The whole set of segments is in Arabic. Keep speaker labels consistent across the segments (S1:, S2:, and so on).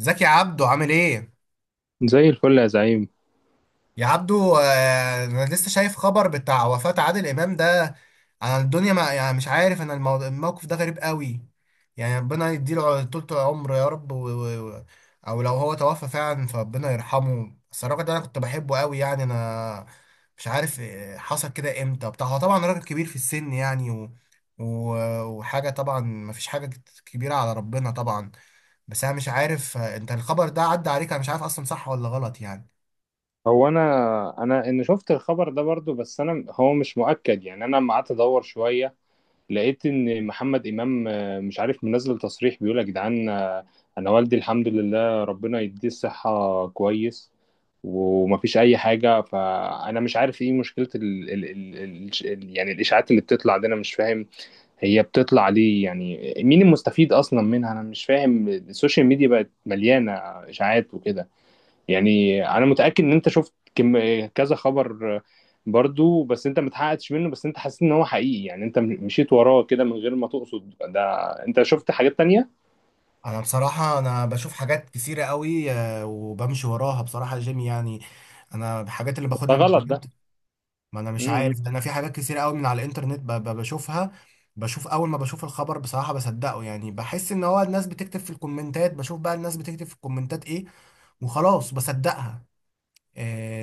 S1: ازيك يا عبدو عامل ايه؟
S2: زي الفل يا زعيم.
S1: يا عبدو، انا لسه شايف خبر بتاع وفاة عادل امام ده. انا الدنيا ما يعني مش عارف، انا الموقف ده غريب قوي. يعني ربنا يديله طولة العمر يا رب او لو هو توفى فعلا فربنا يرحمه. بس الراجل ده انا كنت بحبه قوي يعني، انا مش عارف، حصل كده امتى بتاع. هو طبعا راجل كبير في السن يعني. و... وحاجة، طبعا ما فيش حاجة كبيرة على ربنا طبعا. بس انا مش عارف، انت الخبر ده عدى عليك؟ انا مش عارف اصلا صح ولا غلط يعني.
S2: هو انا ان شفت الخبر ده برضو، بس انا هو مش مؤكد. يعني انا لما قعدت ادور شويه لقيت ان محمد امام مش عارف منزل تصريح بيقول يا جدعان. انا والدي الحمد لله ربنا يديه الصحه كويس ومفيش اي حاجه. فانا مش عارف ايه مشكله ال يعني الاشاعات اللي بتطلع دي، انا مش فاهم هي بتطلع ليه، يعني مين المستفيد اصلا منها؟ انا مش فاهم. السوشيال ميديا بقت مليانه اشاعات وكده. يعني انا متاكد ان انت شفت كم كذا خبر برضو، بس انت متحققتش منه، بس انت حسيت ان هو حقيقي، يعني انت مشيت وراه كده من غير ما تقصد. ده انت شفت حاجات تانية؟
S1: انا بصراحة انا بشوف حاجات كتيرة قوي، وبمشي وراها بصراحة جيم يعني. انا الحاجات اللي
S2: ده
S1: باخدها من
S2: غلط ده.
S1: الانترنت. ما انا مش
S2: امم.
S1: عارف ده، انا في حاجات كتيرة قوي من على الانترنت بشوفها. بشوف، اول ما بشوف الخبر بصراحة بصدقه، يعني بحس ان هو الناس بتكتب في الكومنتات. بشوف بقى الناس بتكتب في الكومنتات ايه وخلاص بصدقها.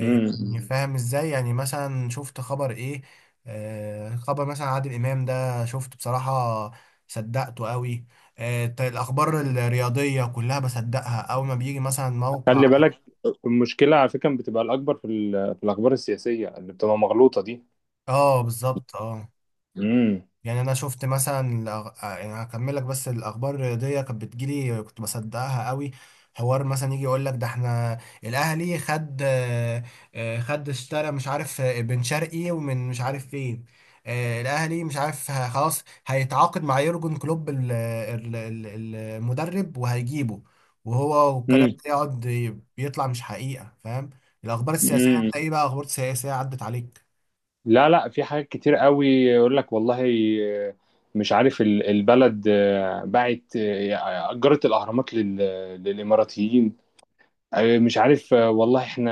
S2: إمم، إمم.
S1: يعني فاهم ازاي؟ يعني مثلا شفت خبر ايه. خبر مثلا عادل امام ده شفته بصراحة، صدقته قوي. الاخبار الرياضية كلها بصدقها، اول ما بيجي مثلا موقع.
S2: خلي بالك، المشكله على فكره بتبقى الاكبر في، في الاخبار السياسيه اللي بتبقى مغلوطه دي.
S1: اه، بالظبط، اه.
S2: امم.
S1: يعني انا شفت مثلا الأغ... آه، يعني هكمل لك. بس الاخبار الرياضيه كانت بتجيلي، كنت بصدقها قوي. حوار مثلا يجي يقول لك ده احنا الاهلي خد اشترى، مش عارف، بن شرقي ومن مش عارف فين. الاهلي مش عارف، خلاص هيتعاقد مع يورجن كلوب المدرب وهيجيبه. والكلام
S2: امم
S1: ده يقعد بيطلع مش حقيقه، فاهم؟ الاخبار
S2: إمم،
S1: السياسيه
S2: إمم.
S1: انت ايه بقى؟ اخبار سياسيه عدت عليك؟
S2: لا لا، في حاجات كتير قوي يقول لك والله مش عارف البلد باعت، أجرت الأهرامات للإماراتيين. مش عارف، والله احنا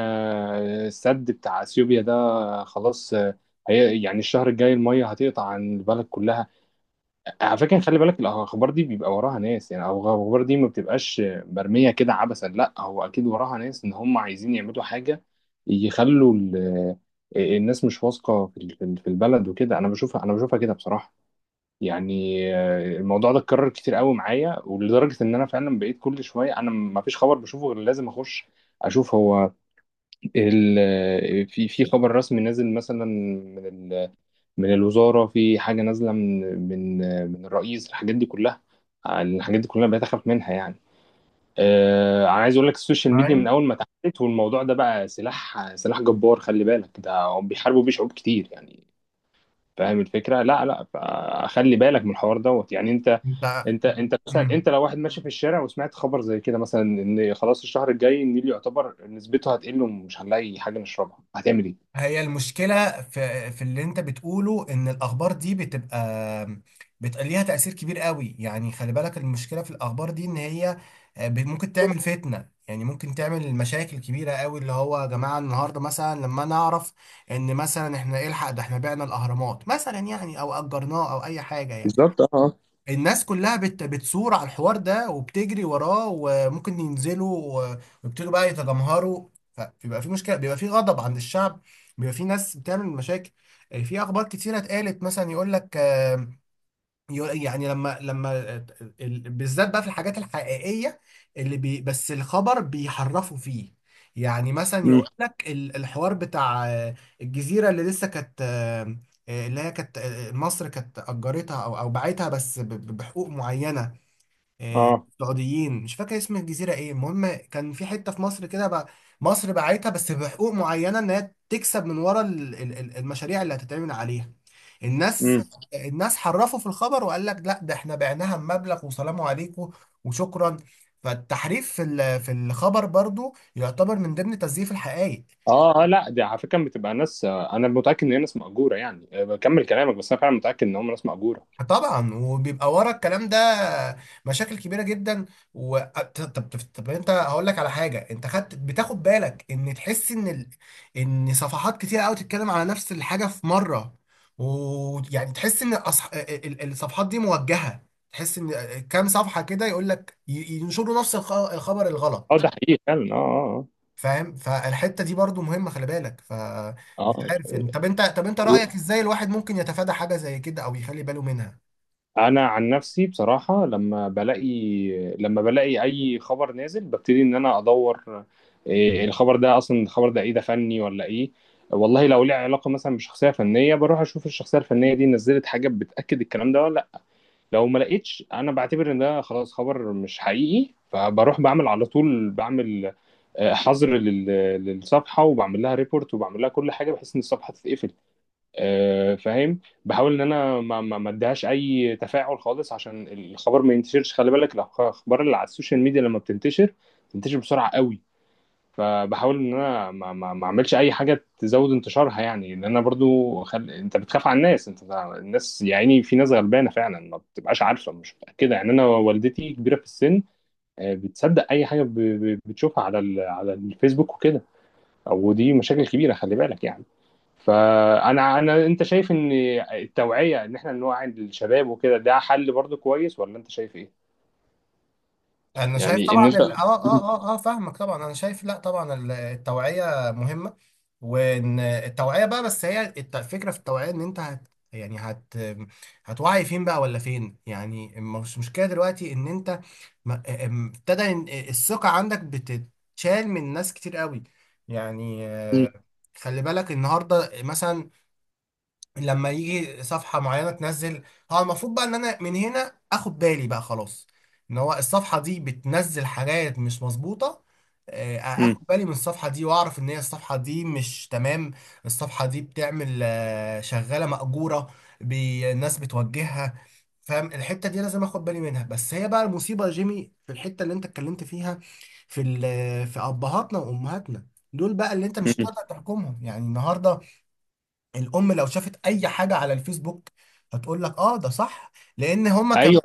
S2: السد بتاع أثيوبيا ده خلاص، هي يعني الشهر الجاي المية هتقطع عن البلد كلها. على فكرة خلي بالك، الأخبار دي بيبقى وراها ناس، يعني أو الأخبار دي ما بتبقاش مرمية كده عبثا، لا هو أكيد وراها ناس إن هم عايزين يعملوا حاجة، يخلوا الناس مش واثقة في في البلد وكده. أنا بشوفها، أنا بشوفها كده بصراحة. يعني الموضوع ده اتكرر كتير قوي معايا، ولدرجة إن أنا فعلا بقيت كل شوية أنا ما فيش خبر بشوفه غير لازم أخش أشوف هو في خبر رسمي نازل مثلا من من الوزارة، في حاجة نازلة من من من الرئيس. الحاجات دي كلها، الحاجات دي كلها بقيت أخاف منها يعني. أنا عايز أقول لك السوشيال ميديا من
S1: معايا.
S2: أول ما اتعملت والموضوع ده بقى سلاح جبار. خلي بالك، ده هم بيحاربوا بيه شعوب كتير يعني. فاهم الفكرة؟ لا لا، فخلي بالك من الحوار دوت يعني. أنت
S1: انت.
S2: انت انت مثلا
S1: مم.
S2: انت لو واحد ماشي في الشارع وسمعت خبر زي كده مثلا ان خلاص الشهر الجاي النيل يعتبر نسبته هتقل ومش هنلاقي حاجه نشربها، هتعمل ايه؟
S1: هي المشكلة في اللي انت بتقوله، ان الاخبار دي بتبقى ليها تأثير كبير قوي، يعني خلي بالك. المشكلة في الاخبار دي ان هي، ممكن تعمل فتنة، يعني ممكن تعمل مشاكل كبيرة قوي، اللي هو يا جماعة النهاردة مثلا لما نعرف ان مثلا احنا الحق ده احنا بعنا الاهرامات مثلا، يعني او اجرناه او اي حاجة يعني.
S2: بالظبط، اه اه.
S1: الناس كلها بتصور على الحوار ده وبتجري وراه، وممكن ينزلوا ويبتدوا بقى يتجمهروا، فبيبقى في مشكلة، بيبقى في غضب عند الشعب، بيبقى في ناس بتعمل مشاكل. في أخبار كتيرة اتقالت، مثلا يقول لك، يعني لما بالذات بقى في الحاجات الحقيقية اللي بس الخبر بيحرفوا فيه. يعني مثلا
S2: مم.
S1: يقول لك الحوار بتاع، الجزيرة اللي لسه كانت، اللي هي كانت، مصر كانت أجرتها أو باعتها، بس بحقوق معينة.
S2: اه.
S1: سعوديين، مش فاكر اسم الجزيرة ايه، المهم كان في حتة في مصر كده بقى. مصر باعتها بس بحقوق معينة، ان هي تكسب من ورا المشاريع اللي هتتعمل عليها الناس.
S2: امم.
S1: الناس حرفوا في الخبر وقال لك لا ده احنا بعناها بمبلغ وسلام عليكم وشكرا. فالتحريف في الخبر برضو يعتبر من ضمن تزييف الحقائق.
S2: اه. لا دي على فكره بتبقى ناس، انا متاكد ان هي ناس مأجوره، يعني بكمل كلامك، بس انا فعلا متاكد ان هم ناس مأجوره.
S1: طبعا، وبيبقى ورا الكلام ده مشاكل كبيره جدا. و... طب, طب, طب انت هقول لك على حاجه. انت بتاخد بالك ان تحس ان ان صفحات كتير قوي تتكلم على نفس الحاجه في مره. ويعني تحس ان الصفحات دي موجهه. تحس ان كام صفحه كده يقول لك ينشروا نفس الخبر
S2: اه
S1: الغلط،
S2: ده حقيقي فعلا، اه.
S1: فاهم؟ فالحته دي برضو مهمه، خلي بالك.
S2: اه
S1: فمش عارف
S2: اه.
S1: يعني، طب انت
S2: آه.
S1: رايك ازاي الواحد ممكن يتفادى حاجه زي كده او يخلي باله منها؟
S2: انا عن نفسي بصراحه لما بلاقي، لما بلاقي اي خبر نازل ببتدي ان انا ادور إيه الخبر ده اصلا، الخبر ده ايه، ده فني ولا ايه. والله لو ليه علاقه مثلا بشخصيه فنيه بروح اشوف الشخصيه الفنيه دي نزلت حاجه بتاكد الكلام ده ولا لا. لو ما لقيتش انا بعتبر ان ده خلاص خبر مش حقيقي، فبروح بعمل على طول بعمل حظر للصفحه، وبعمل لها ريبورت، وبعمل لها كل حاجه بحيث ان الصفحه تتقفل. فاهم، بحاول ان انا ما اديهاش اي تفاعل خالص عشان الخبر ما ينتشرش. خلي بالك الاخبار اللي على السوشيال ميديا لما بتنتشر بتنتشر بسرعه قوي، فبحاول ان انا ما اعملش اي حاجه تزود انتشارها، يعني لان انا برضو انت بتخاف على الناس. انت الناس يا عيني في ناس غلبانه فعلا ما بتبقاش عارفه، مش متاكده. يعني انا والدتي كبيره في السن، بتصدق اي حاجه بتشوفها على على الفيسبوك وكده. او دي مشاكل كبيره خلي بالك يعني. فانا انت شايف ان التوعيه، ان احنا نوعي الشباب وكده، ده حل برضه كويس ولا انت شايف ايه؟
S1: انا شايف
S2: يعني ان انت.
S1: طبعا اه، اه. اه اه فاهمك طبعا، انا شايف لا طبعا التوعيه مهمه. وان التوعيه بقى، بس هي الفكره في التوعيه ان انت هت يعني هت هتوعي فين بقى ولا فين؟ يعني مش مشكله دلوقتي ان انت ابتدى ان الثقه عندك بتتشال من ناس كتير قوي. يعني،
S2: مم.
S1: خلي بالك النهارده مثلا، لما يجي صفحة معينة تنزل، هو المفروض بقى ان انا من هنا اخد بالي بقى خلاص ان هو الصفحة دي بتنزل حاجات مش مظبوطة.
S2: مم.
S1: اخد بالي من الصفحة دي واعرف ان هي الصفحة دي مش تمام. الصفحة دي بتعمل آه، شغالة مأجورة، الناس بتوجهها، فاهم؟ الحتة دي لازم اخد بالي منها، بس هي بقى المصيبة يا جيمي في الحتة اللي انت اتكلمت فيها، في ابهاتنا وامهاتنا. دول بقى اللي انت مش
S2: مم.
S1: هتقدر تحكمهم، يعني النهارده الام لو شافت اي حاجه على الفيسبوك، هتقول لك اه ده صح، لان هما كمان
S2: ايوه.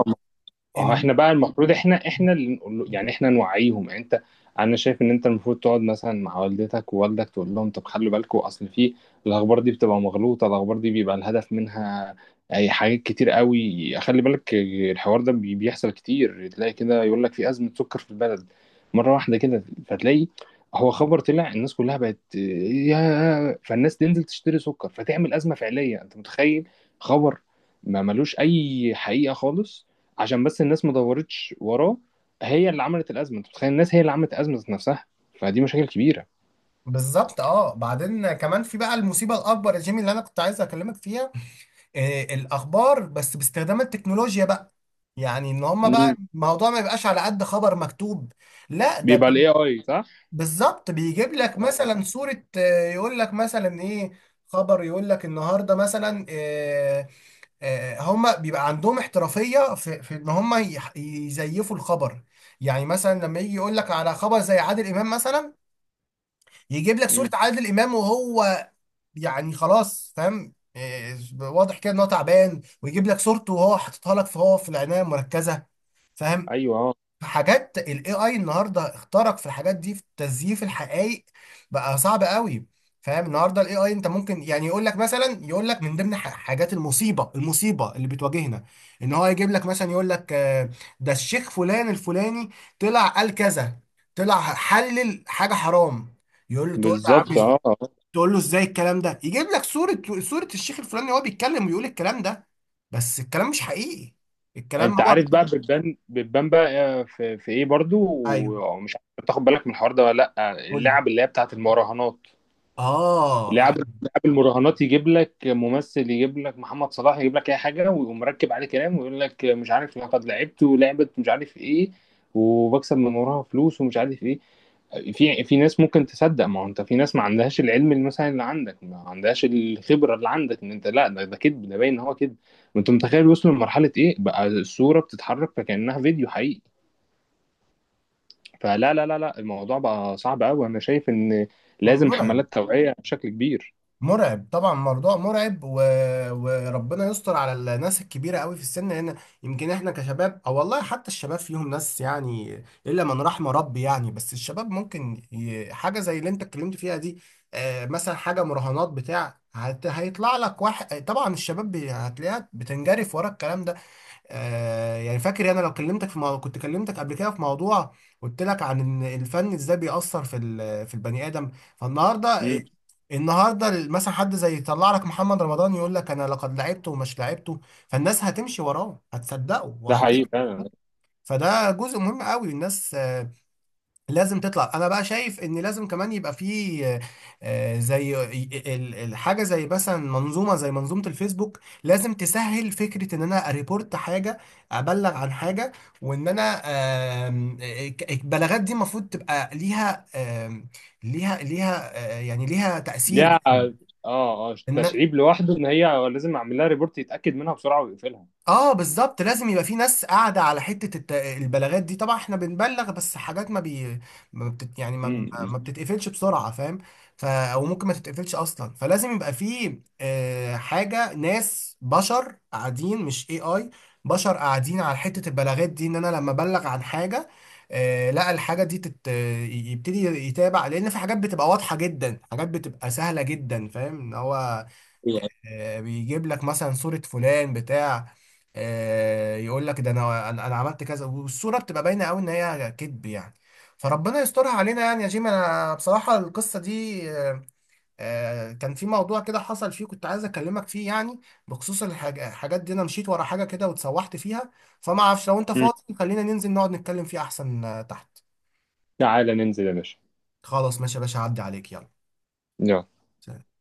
S2: اه
S1: ال...
S2: احنا بقى المفروض، احنا اللي نقول له، يعني احنا نوعيهم. يعني انت، انا شايف ان انت المفروض تقعد مثلا مع والدتك ووالدك تقول لهم طب خلوا بالكم اصل في الاخبار دي بتبقى مغلوطه، الاخبار دي بيبقى الهدف منها اي حاجات كتير قوي. خلي بالك الحوار ده بيحصل كتير، تلاقي كده يقول لك في ازمه سكر في البلد مره واحده كده، فتلاقي هو خبر طلع الناس كلها بقت يا فالناس تنزل تشتري سكر فتعمل ازمه فعليه. انت متخيل خبر ما ملوش اي حقيقه خالص، عشان بس الناس ما دورتش وراه، هي اللي عملت الازمه. انت متخيل الناس هي اللي عملت ازمه ذات نفسها؟ فدي مشاكل كبيره.
S1: بالظبط اه. بعدين كمان في بقى المصيبه الاكبر يا جيمي اللي انا كنت عايز اكلمك فيها، الاخبار بس باستخدام التكنولوجيا بقى. يعني ان هما بقى
S2: مم.
S1: الموضوع ما يبقاش على قد خبر مكتوب، لا ده
S2: بيبقى الاي اي، صح.
S1: بالظبط، بيجيب لك
S2: اه.
S1: مثلا صوره، يقول لك مثلا ايه. خبر يقول لك النهارده مثلا، هما بيبقى عندهم احترافية في ان هما يزيفوا الخبر. يعني مثلا لما يجي يقول لك على خبر زي عادل امام مثلا، يجيب لك صورة
S2: مم.
S1: عادل امام وهو، يعني خلاص فاهم، واضح كده ان هو تعبان، ويجيب لك صورته وهو حاططها لك فهو في العناية المركزة، فاهم؟
S2: ايوه اه
S1: في حاجات الاي اي النهارده اخترق في الحاجات دي، في تزييف الحقائق بقى صعب قوي، فاهم؟ النهارده الاي اي انت ممكن يعني يقول لك من ضمن حاجات المصيبه، المصيبه اللي بتواجهنا، ان هو يجيب لك مثلا يقول لك، ده الشيخ فلان الفلاني طلع قال كذا، طلع حلل حاجه حرام. يقول له تقول له يا عم
S2: بالظبط اه. آه.
S1: تقول له ازاي الكلام ده؟ يجيب لك صوره الشيخ الفلاني وهو بيتكلم ويقول الكلام ده، بس الكلام مش حقيقي. الكلام
S2: انت
S1: هو،
S2: عارف بقى بتبان بتبان بقى، في، في ايه برضو
S1: ايوه
S2: ومش عارف تاخد بالك من الحوار ده ولا لا،
S1: قول لي.
S2: اللعب اللي هي بتاعت المراهنات.
S1: اه،
S2: لعب
S1: أيوة.
S2: لعب المراهنات، يجيب لك ممثل، يجيب لك محمد صلاح، يجيب لك اي حاجه ويقوم مركب عليه كلام ويقول لك مش عارف لقد لعبت ولعبت مش عارف ايه وبكسب من وراها فلوس ومش عارف ايه. في ناس ممكن تصدق. ما هو انت في ناس ما عندهاش العلم اللي مثلا اللي عندك، ما عندهاش الخبره اللي عندك ان انت لا ده كذب، ده باين ان هو كذب. ما انت متخيل وصلوا لمرحله ايه بقى، الصوره بتتحرك فكانها فيديو حقيقي. فلا لا، الموضوع بقى صعب قوي. انا شايف ان لازم
S1: مرعب.
S2: حملات توعيه بشكل كبير.
S1: مرعب طبعا، موضوع مرعب. وربنا يستر على الناس الكبيره قوي في السن هنا. يمكن احنا كشباب، او والله حتى الشباب فيهم ناس يعني الا من رحم ربي يعني، بس الشباب ممكن حاجه زي اللي انت اتكلمت فيها دي. مثلا حاجه مراهنات بتاع، هيطلع لك واحد، طبعا الشباب هتلاقيها بتنجرف ورا الكلام ده. يعني فاكر، انا لو كلمتك في موضوع كنت كلمتك قبل كده في موضوع، قلت لك عن ان الفن ازاي بيأثر في البني ادم. فالنهارده،
S2: امم.
S1: النهارده مثلا حد زي يطلع لك محمد رمضان يقول لك انا لقد لعبته ومش لعبته، فالناس هتمشي وراه هتصدقه
S2: ده حقيقي فعلا.
S1: فده جزء مهم قوي. الناس لازم تطلع. انا بقى شايف ان لازم كمان يبقى فيه، زي الحاجه زي مثلا منظومه زي منظومه الفيسبوك، لازم تسهل فكره ان انا اريبورت حاجه، ابلغ عن حاجه. وان انا البلاغات دي المفروض تبقى ليها، آم، ليها يعني ليها تاثير
S2: ليها اه.
S1: جداً.
S2: اه
S1: إن-
S2: تشعيب لوحده، ان هي لازم اعمل لها ريبورت يتاكد منها بسرعه ويقفلها.
S1: اه بالظبط، لازم يبقى في ناس قاعده على حته البلاغات دي. طبعا احنا بنبلغ، بس حاجات ما بي ما بتت يعني ما
S2: امم.
S1: بتتقفلش بسرعه، فاهم؟ ف او ممكن ما تتقفلش اصلا، فلازم يبقى في حاجه، ناس بشر قاعدين، مش اي اي، بشر قاعدين على حته البلاغات دي. ان انا لما ابلغ عن حاجه، لا الحاجه دي يبتدي يتابع، لان في حاجات بتبقى واضحه جدا، حاجات بتبقى سهله جدا، فاهم ان هو، آه، بيجيب لك مثلا صورة فلان بتاع، يقول لك ده انا انا أنا عملت كذا، والصوره بتبقى باينه قوي ان هي كذب يعني. فربنا يسترها علينا يعني، يا جيم انا بصراحه القصه دي، كان في موضوع كده حصل فيه كنت عايز اكلمك فيه يعني، بخصوص الحاجات دي. انا مشيت ورا حاجه كده واتسوحت فيها. فما اعرفش، لو انت
S2: امم.
S1: فاضي خلينا ننزل نقعد نتكلم فيه احسن، تحت.
S2: تعالى ننزل يا باشا.
S1: خلاص ماشي يا باشا، عدي عليك يلا.
S2: يلا.
S1: سلام.